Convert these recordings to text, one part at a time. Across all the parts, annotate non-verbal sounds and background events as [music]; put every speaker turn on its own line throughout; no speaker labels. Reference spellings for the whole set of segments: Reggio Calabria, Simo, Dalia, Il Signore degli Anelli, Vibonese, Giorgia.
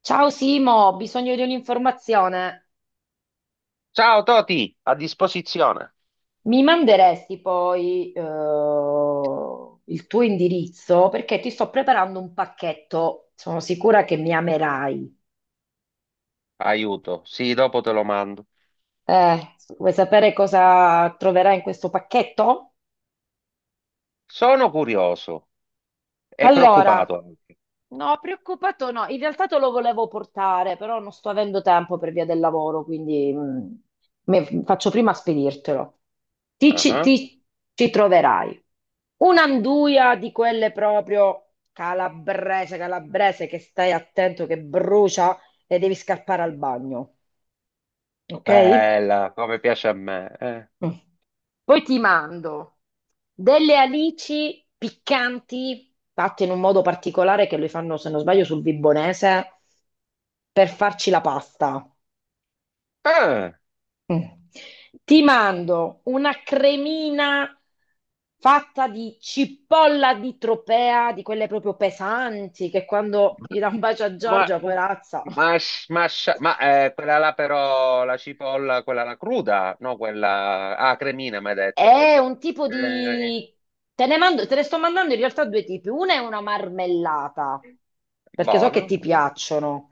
Ciao Simo, ho bisogno di un'informazione.
Ciao Toti, a disposizione.
Mi manderesti poi il tuo indirizzo perché ti sto preparando un pacchetto. Sono sicura che mi amerai.
Aiuto, sì, dopo te lo mando.
Vuoi sapere cosa troverai in questo pacchetto?
Sono curioso e
Allora,
preoccupato anche.
no, preoccupato no. In realtà te lo volevo portare, però non sto avendo tempo per via del lavoro, quindi faccio prima a spedirtelo.
Ah,
Ti ci troverai. Un'anduia di quelle proprio calabrese, calabrese, che stai attento che brucia e devi scappare al bagno, ok?
bella, come piace a me.
Mm. Poi ti mando delle alici piccanti, fatte in un modo particolare che le fanno, se non sbaglio, sul Vibonese, per farci la pasta.
Ah,
Mm. Ti mando una cremina fatta di cipolla di tropea, di quelle proprio pesanti, che quando gli dà un bacio a
ma,
Giorgia, poverazza,
ma, ma, ma, quella là però, la cipolla, quella là cruda, no? Quella, ah, cremina, mi hai detto.
è un tipo
Eh,
di... Te ne mando, te ne sto mandando in realtà due tipi. Una è una marmellata, perché so che
Buono.
ti piacciono.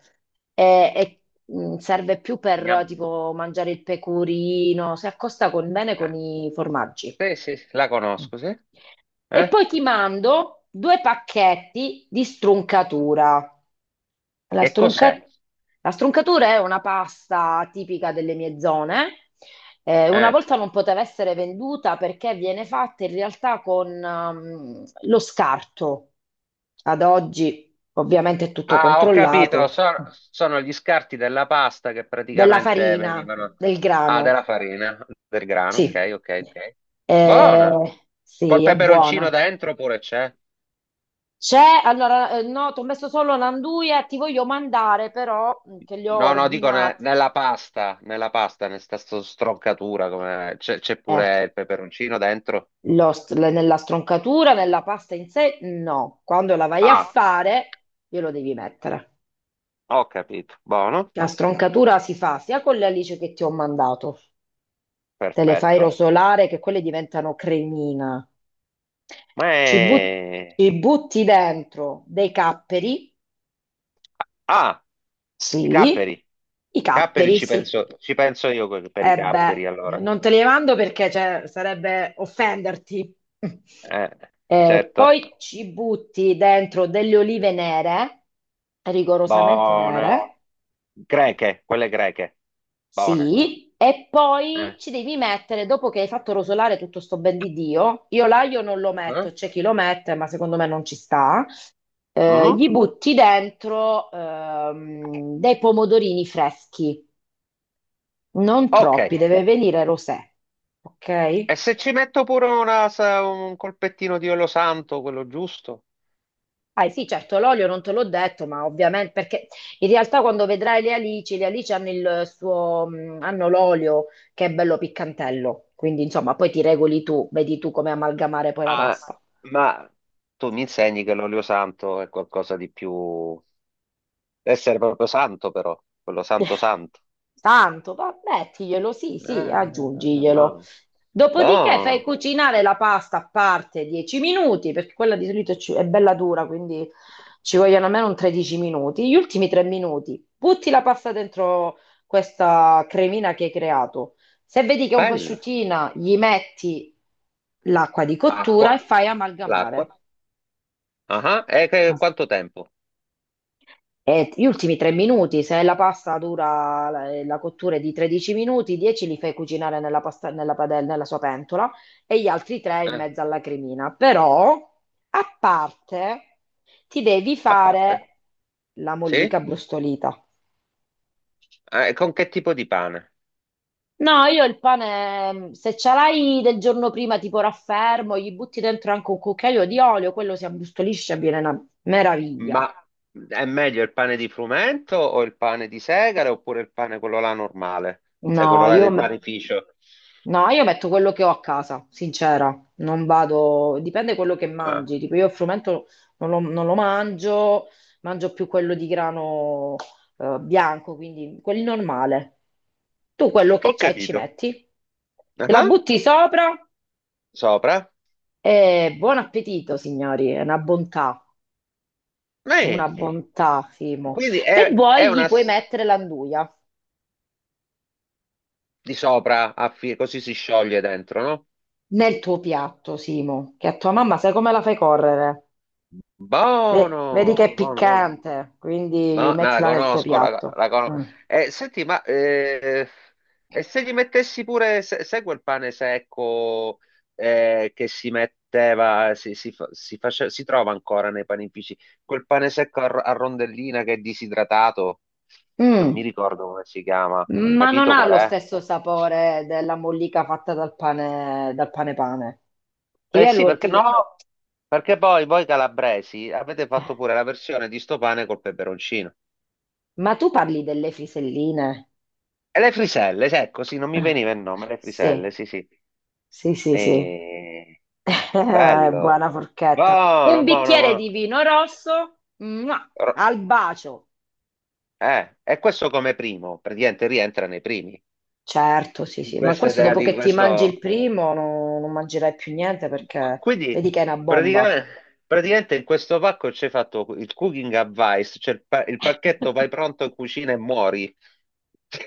E serve più per
Gnam.
tipo mangiare il pecorino, bene con
Eh,
i formaggi.
Sì, sì, la conosco, sì.
E
Eh?
poi ti mando due pacchetti di struncatura. La
Che
strunca-
cos'è?
la struncatura è una pasta tipica delle mie zone. Una
Eh.
volta non poteva essere venduta perché viene fatta in realtà con lo scarto. Ad oggi, ovviamente, è tutto
Ah, ho capito,
controllato.
sono gli scarti della pasta che
Della
praticamente
farina,
venivano...
del
Ah,
grano.
della farina, del grano,
Sì,
ok, ok, ok. Buona!
eh,
Col
sì, è
peperoncino
buona.
dentro pure c'è?
C'è, allora, no, ti ho messo solo l'anduia, ti voglio mandare però, che li ho
No, no, dico
ordinati.
nella pasta, nella stroncatura, come... c'è
Eh.
pure il peperoncino dentro?
Nella stroncatura, nella pasta in sé, no. Quando la vai a
Ah,
fare, glielo devi mettere.
ho capito, buono,
La stroncatura si fa sia con le alici che ti ho mandato, te le fai
perfetto.
rosolare che quelle diventano cremina.
Ma
Ci, but-
è...
Ci butti dentro dei capperi,
Ah, i
sì,
capperi,
i
capperi
capperi, sì.
ci penso io per i
E beh,
capperi, allora.
non te li mando perché cioè, sarebbe offenderti.
Eh, certo,
Poi ci butti dentro delle olive nere, rigorosamente
buone.
nere,
Greche, quelle greche, buone.
sì, e
Eh.
poi ci devi mettere, dopo che hai fatto rosolare tutto sto ben di Dio, io l'aglio non lo
Mhm.
metto, c'è chi lo mette, ma secondo me non ci sta,
Mhm.
gli butti dentro dei pomodorini freschi, non
Ok, e
troppi, deve venire rosé, ok?
se ci metto pure un colpettino di olio santo, quello giusto?
Ah sì, certo, l'olio non te l'ho detto, ma ovviamente perché in realtà quando vedrai le alici hanno il suo, hanno l'olio che è bello piccantello, quindi insomma poi ti regoli tu, vedi tu come amalgamare poi la
Ah,
pasta.
ma tu mi insegni che l'olio santo è qualcosa di più... Deve essere proprio santo però, quello santo santo.
Tanto, va, mettiglielo, sì, sì, aggiungiglielo.
No.
Dopodiché fai
Buono,
cucinare la pasta a parte 10 minuti, perché quella di solito ci- è bella dura, quindi ci vogliono almeno un 13 minuti. Gli ultimi 3 minuti butti la pasta dentro questa cremina che hai creato. Se vedi che è un po'
bello.
asciuttina, gli metti l'acqua di
Acqua,
cottura e fai
l'acqua.
amalgamare.
Ah, ah. E quanto tempo?
E gli ultimi 3 minuti, se la pasta dura la cottura è di 13 minuti, 10 li fai cucinare nella, pasta, nella, padella, nella sua pentola e gli altri 3 in
Eh.
mezzo alla cremina. Però, a parte, ti devi
A parte?
fare la
Sì?
mollica brustolita.
Con che tipo di pane?
No, io il pane, se ce l'hai del giorno prima, tipo raffermo, gli butti dentro anche un cucchiaio di olio, quello si abbrustolisce e viene una meraviglia.
Ma è meglio il pane di frumento o il pane di segale oppure il pane quello là normale?
No,
Cioè quello là
io
del
me-
panificio?
No, io metto quello che ho a casa, sincera, non vado, dipende quello che
Ah,
mangi, tipo io il frumento non lo mangio, mangio più quello di grano bianco, quindi quelli normale. Tu quello che
ho
c'hai ci
capito.
metti, te la
Ah,
butti sopra
sopra?
e buon appetito, signori, è una
Eh,
bontà, Simo.
quindi
Se
è
vuoi gli
una
puoi mettere l'anduia
di sopra, a così si scioglie dentro, no?
nel tuo piatto, Simo, che a tua mamma sai come la fai correre? Vedi che
Buono,
è
buono, buono.
piccante, quindi
No, no, la
mettila nel tuo
conosco,
piatto.
la conosco.
Mm.
Senti, e se gli mettessi pure, se, sai quel pane secco che si metteva, si, si trova ancora nei panifici, quel pane secco a rondellina che è disidratato, non mi
Mm.
ricordo come si chiama,
Ma non
capito
ha
qual
lo
è?
stesso sapore della mollica fatta dal pane pane. Ti
Eh
viene
sì,
lo-
perché
ti vie-
no? Perché poi voi calabresi avete fatto pure la versione di sto pane col peperoncino.
Ma tu parli delle friselline?
E le friselle, sì, ecco, sì, non mi veniva
Ah,
il nome, le friselle,
sì,
sì, sì.
sì, sì, sì.
Eh,
[laughs]
bello,
Buona forchetta. Un
buono, buono,
bicchiere
buono.
di vino rosso, mua,
Ro-
al bacio.
E questo come primo, praticamente rientra nei primi.
Certo, sì, sì, ma
Questa
questo
idea
dopo
di
che ti mangi il
questo.
primo no- non mangerai più niente perché vedi
Quindi,
che è una bomba.
pratica- praticamente, in questo pacco c'è fatto il cooking advice, cioè il pacchetto
[laughs]
vai pronto in cucina e muori.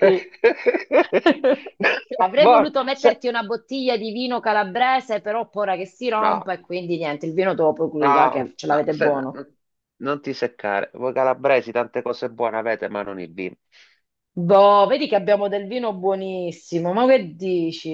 Sì. Avrei
Buono.
voluto metterti una bottiglia di vino calabrese, però ho paura che si
No,
rompa e quindi niente, il vino te lo procuri là,
no,
che ce
no,
l'avete buono.
non ti seccare. Voi calabresi tante cose buone avete, ma non il vino.
Boh, vedi che abbiamo del vino buonissimo, ma che dici?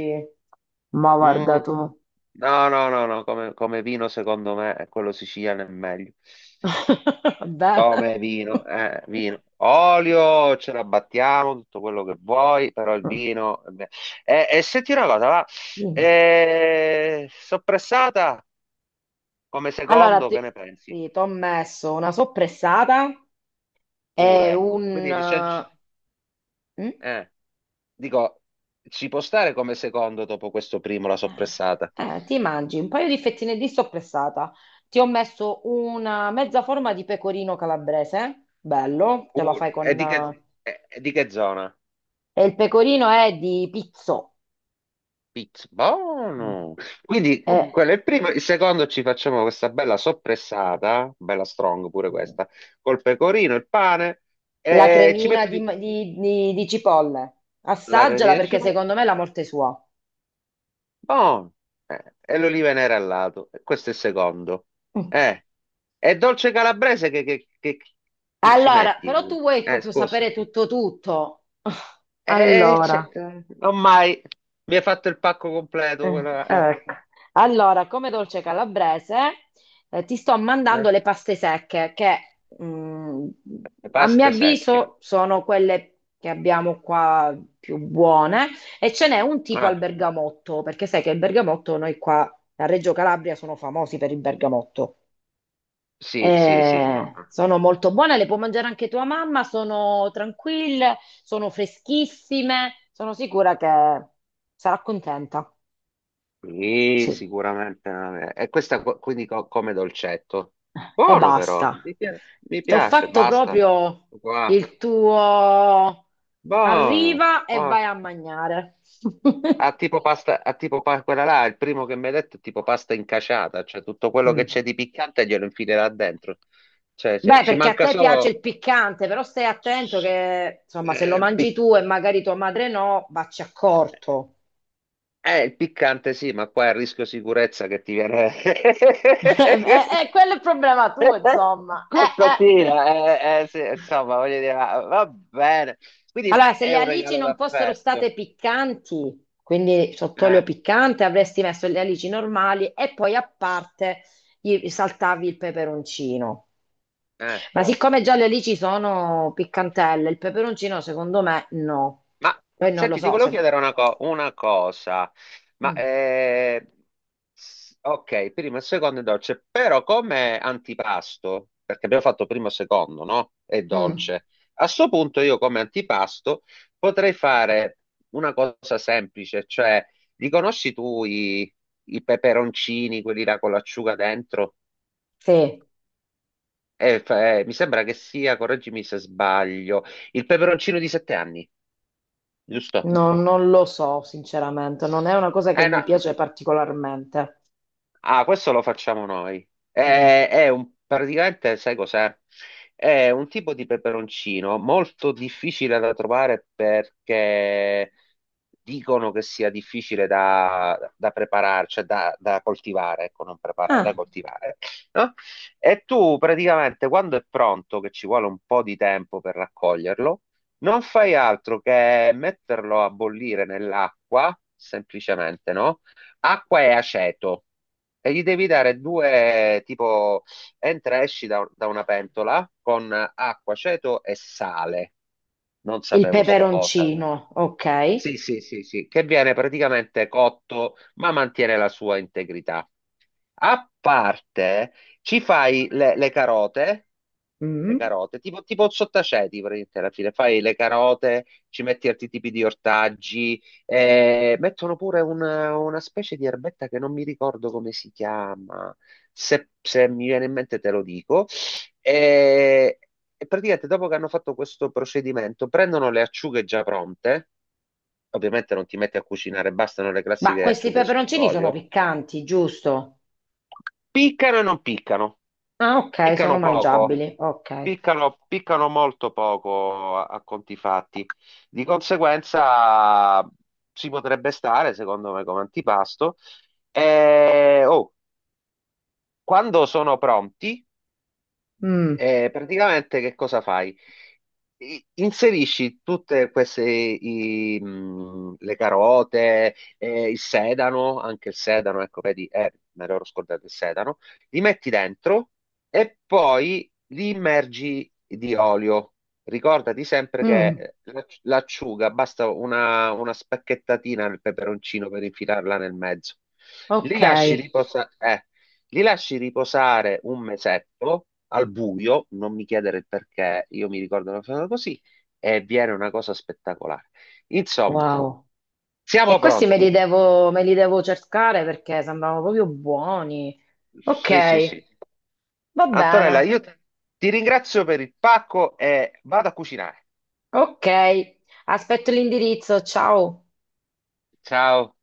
Ma guarda
Mm,
tu.
No, no, no, no, come vino secondo me è quello siciliano è meglio.
[laughs] Bene.
Come vino,
[laughs]
vino. Olio, ce la battiamo, tutto quello che vuoi, però il
Mm.
vino... è e senti una cosa, va,
Dimmi.
soppressata come
Allora,
secondo,
ti,
che ne pensi?
sì, t'ho messo una soppressata e
Pure.
un...
Quindi
eh, mm?
eh, dico, ci può stare come secondo dopo questo primo la soppressata?
Ti mangi un paio di fettine di soppressata. Ti ho messo una mezza forma di pecorino calabrese, bello, te lo fai
Pure.
con...
E di che zona?
e il pecorino è di pizzo. Mm. Mm.
Buono! Quindi quello è il primo, il secondo ci facciamo questa bella soppressata, bella strong pure questa, col pecorino, il pane,
La
e ci
cremina
metto
di,
di...
di cipolle.
la
Assaggiala
gratina di
perché
cibo,
secondo me è la morte sua.
buono! E l'oliva nera al lato, questo è il secondo.
Mm.
Eh, e dolce calabrese che ci
Allora, però tu
metti?
vuoi proprio
Scusa.
sapere tutto tutto. [laughs]
Eh,
Allora,
c'è- non mai, mi hai fatto il pacco completo,
eh, ecco. Allora, come dolce calabrese, ti sto
eh.
mandando le paste secche che, mm,
Le
a mio
paste secche.
avviso, sono quelle che abbiamo qua più buone e ce n'è un tipo al
Ah.
bergamotto, perché sai che il bergamotto noi qua a Reggio Calabria sono famosi per il bergamotto.
Sì, sì, sì, no.
Sono molto buone, le può mangiare anche tua mamma, sono tranquille, sono freschissime, sono sicura che sarà contenta.
Sì,
Sì,
sicuramente. Non è- E questa quindi come dolcetto.
e
Buono
basta.
però, mi
Ti ho
piace,
fatto
basta.
proprio
Qua.
il tuo
Buono,
arriva e vai
buono.
a mangiare. [laughs]
Ha tipo pasta, ha quella là, il primo che mi hai detto è tipo pasta incasciata, cioè tutto quello che
Mm.
c'è di piccante glielo infilerà dentro. Cioè,
Beh,
ci
perché a
manca
te piace
solo...
il piccante, però stai attento che, insomma, se lo
Eh,
mangi
pic-
tu e magari tua madre no, vacci accorto.
il piccante sì, ma qua è il rischio sicurezza che ti viene... [laughs]
[laughs] E quello è il problema tuo,
[laughs]
insomma. Eh.
Qualcosina, sì, insomma, voglio dire, va bene. Quindi
Allora, se
è
le
un
alici
regalo
non fossero
d'affetto.
state piccanti, quindi sott'olio
Eh,
piccante, avresti messo le alici normali e poi a parte gli saltavi il peperoncino.
eh.
Ma no, siccome già le alici sono piccantelle, il peperoncino secondo me no.
Ma
Poi non lo
senti, ti
so
volevo
se...
chiedere una cosa. Ma
Mm,
eh, ok, primo e secondo è dolce, però come antipasto, perché abbiamo fatto primo e secondo, no? È
mm,
dolce. A sto punto io come antipasto potrei fare una cosa semplice, cioè li conosci tu i peperoncini, quelli là con l'acciuga dentro?
sì,
Mi sembra che sia, correggimi se sbaglio, il peperoncino di sette anni, giusto?
no, non lo so sinceramente, non è una cosa che
Eh
mi
no.
piace particolarmente.
Ah, questo lo facciamo noi.
Mm.
È un, praticamente, sai cos'è? È un tipo di peperoncino molto difficile da trovare perché dicono che sia difficile da preparare, cioè da coltivare, ecco, non preparare, da
Ah,
coltivare, no? E tu praticamente quando è pronto, che ci vuole un po' di tempo per raccoglierlo, non fai altro che metterlo a bollire nell'acqua, semplicemente, no? Acqua e aceto e gli devi dare due, tipo, entra e esci da una pentola con acqua, aceto e sale. Non
il
sapevo sta cosa.
peperoncino, ok.
Sì, sì, sì, sì, che viene praticamente cotto, ma mantiene la sua integrità. A parte, ci fai le
Mm.
carote, tipo, tipo il sottaceti praticamente alla fine, fai le carote, ci metti altri tipi di ortaggi, mettono pure una specie di erbetta che non mi ricordo come si chiama, se, se mi viene in mente te lo dico, e, e praticamente dopo che hanno fatto questo procedimento prendono le acciughe già pronte, ovviamente non ti metti a cucinare, bastano le
Ma
classiche
questi
acciughe
peperoncini sono
sott'olio,
piccanti, giusto?
piccano e non piccano,
Ah, ok, sono
piccano poco.
mangiabili. Ok.
Piccano, piccano molto poco a conti fatti. Di conseguenza si potrebbe stare, secondo me, come antipasto. E, oh, quando sono pronti,
Mm,
e praticamente che cosa fai? Inserisci tutte queste le carote, il sedano, anche il sedano, ecco, vedi, me l'ero scordato il sedano, li metti dentro e poi li immergi di olio. Ricordati sempre che
mm,
l'acciuga basta una spacchettatina nel peperoncino per infilarla nel mezzo. Li
ok.
lasci riposare, eh, li lasci riposare un mesetto al buio, non mi chiedere il perché, io mi ricordo una cosa così, e viene una cosa spettacolare. Insomma,
Wow. E
siamo
questi
pronti.
me li devo cercare perché sembravano proprio buoni. Ok,
Sì, sì, sì.
va bene.
Antonella, io ti ringrazio per il pacco e vado a cucinare.
Ok. Aspetto l'indirizzo. Ciao.
Ciao.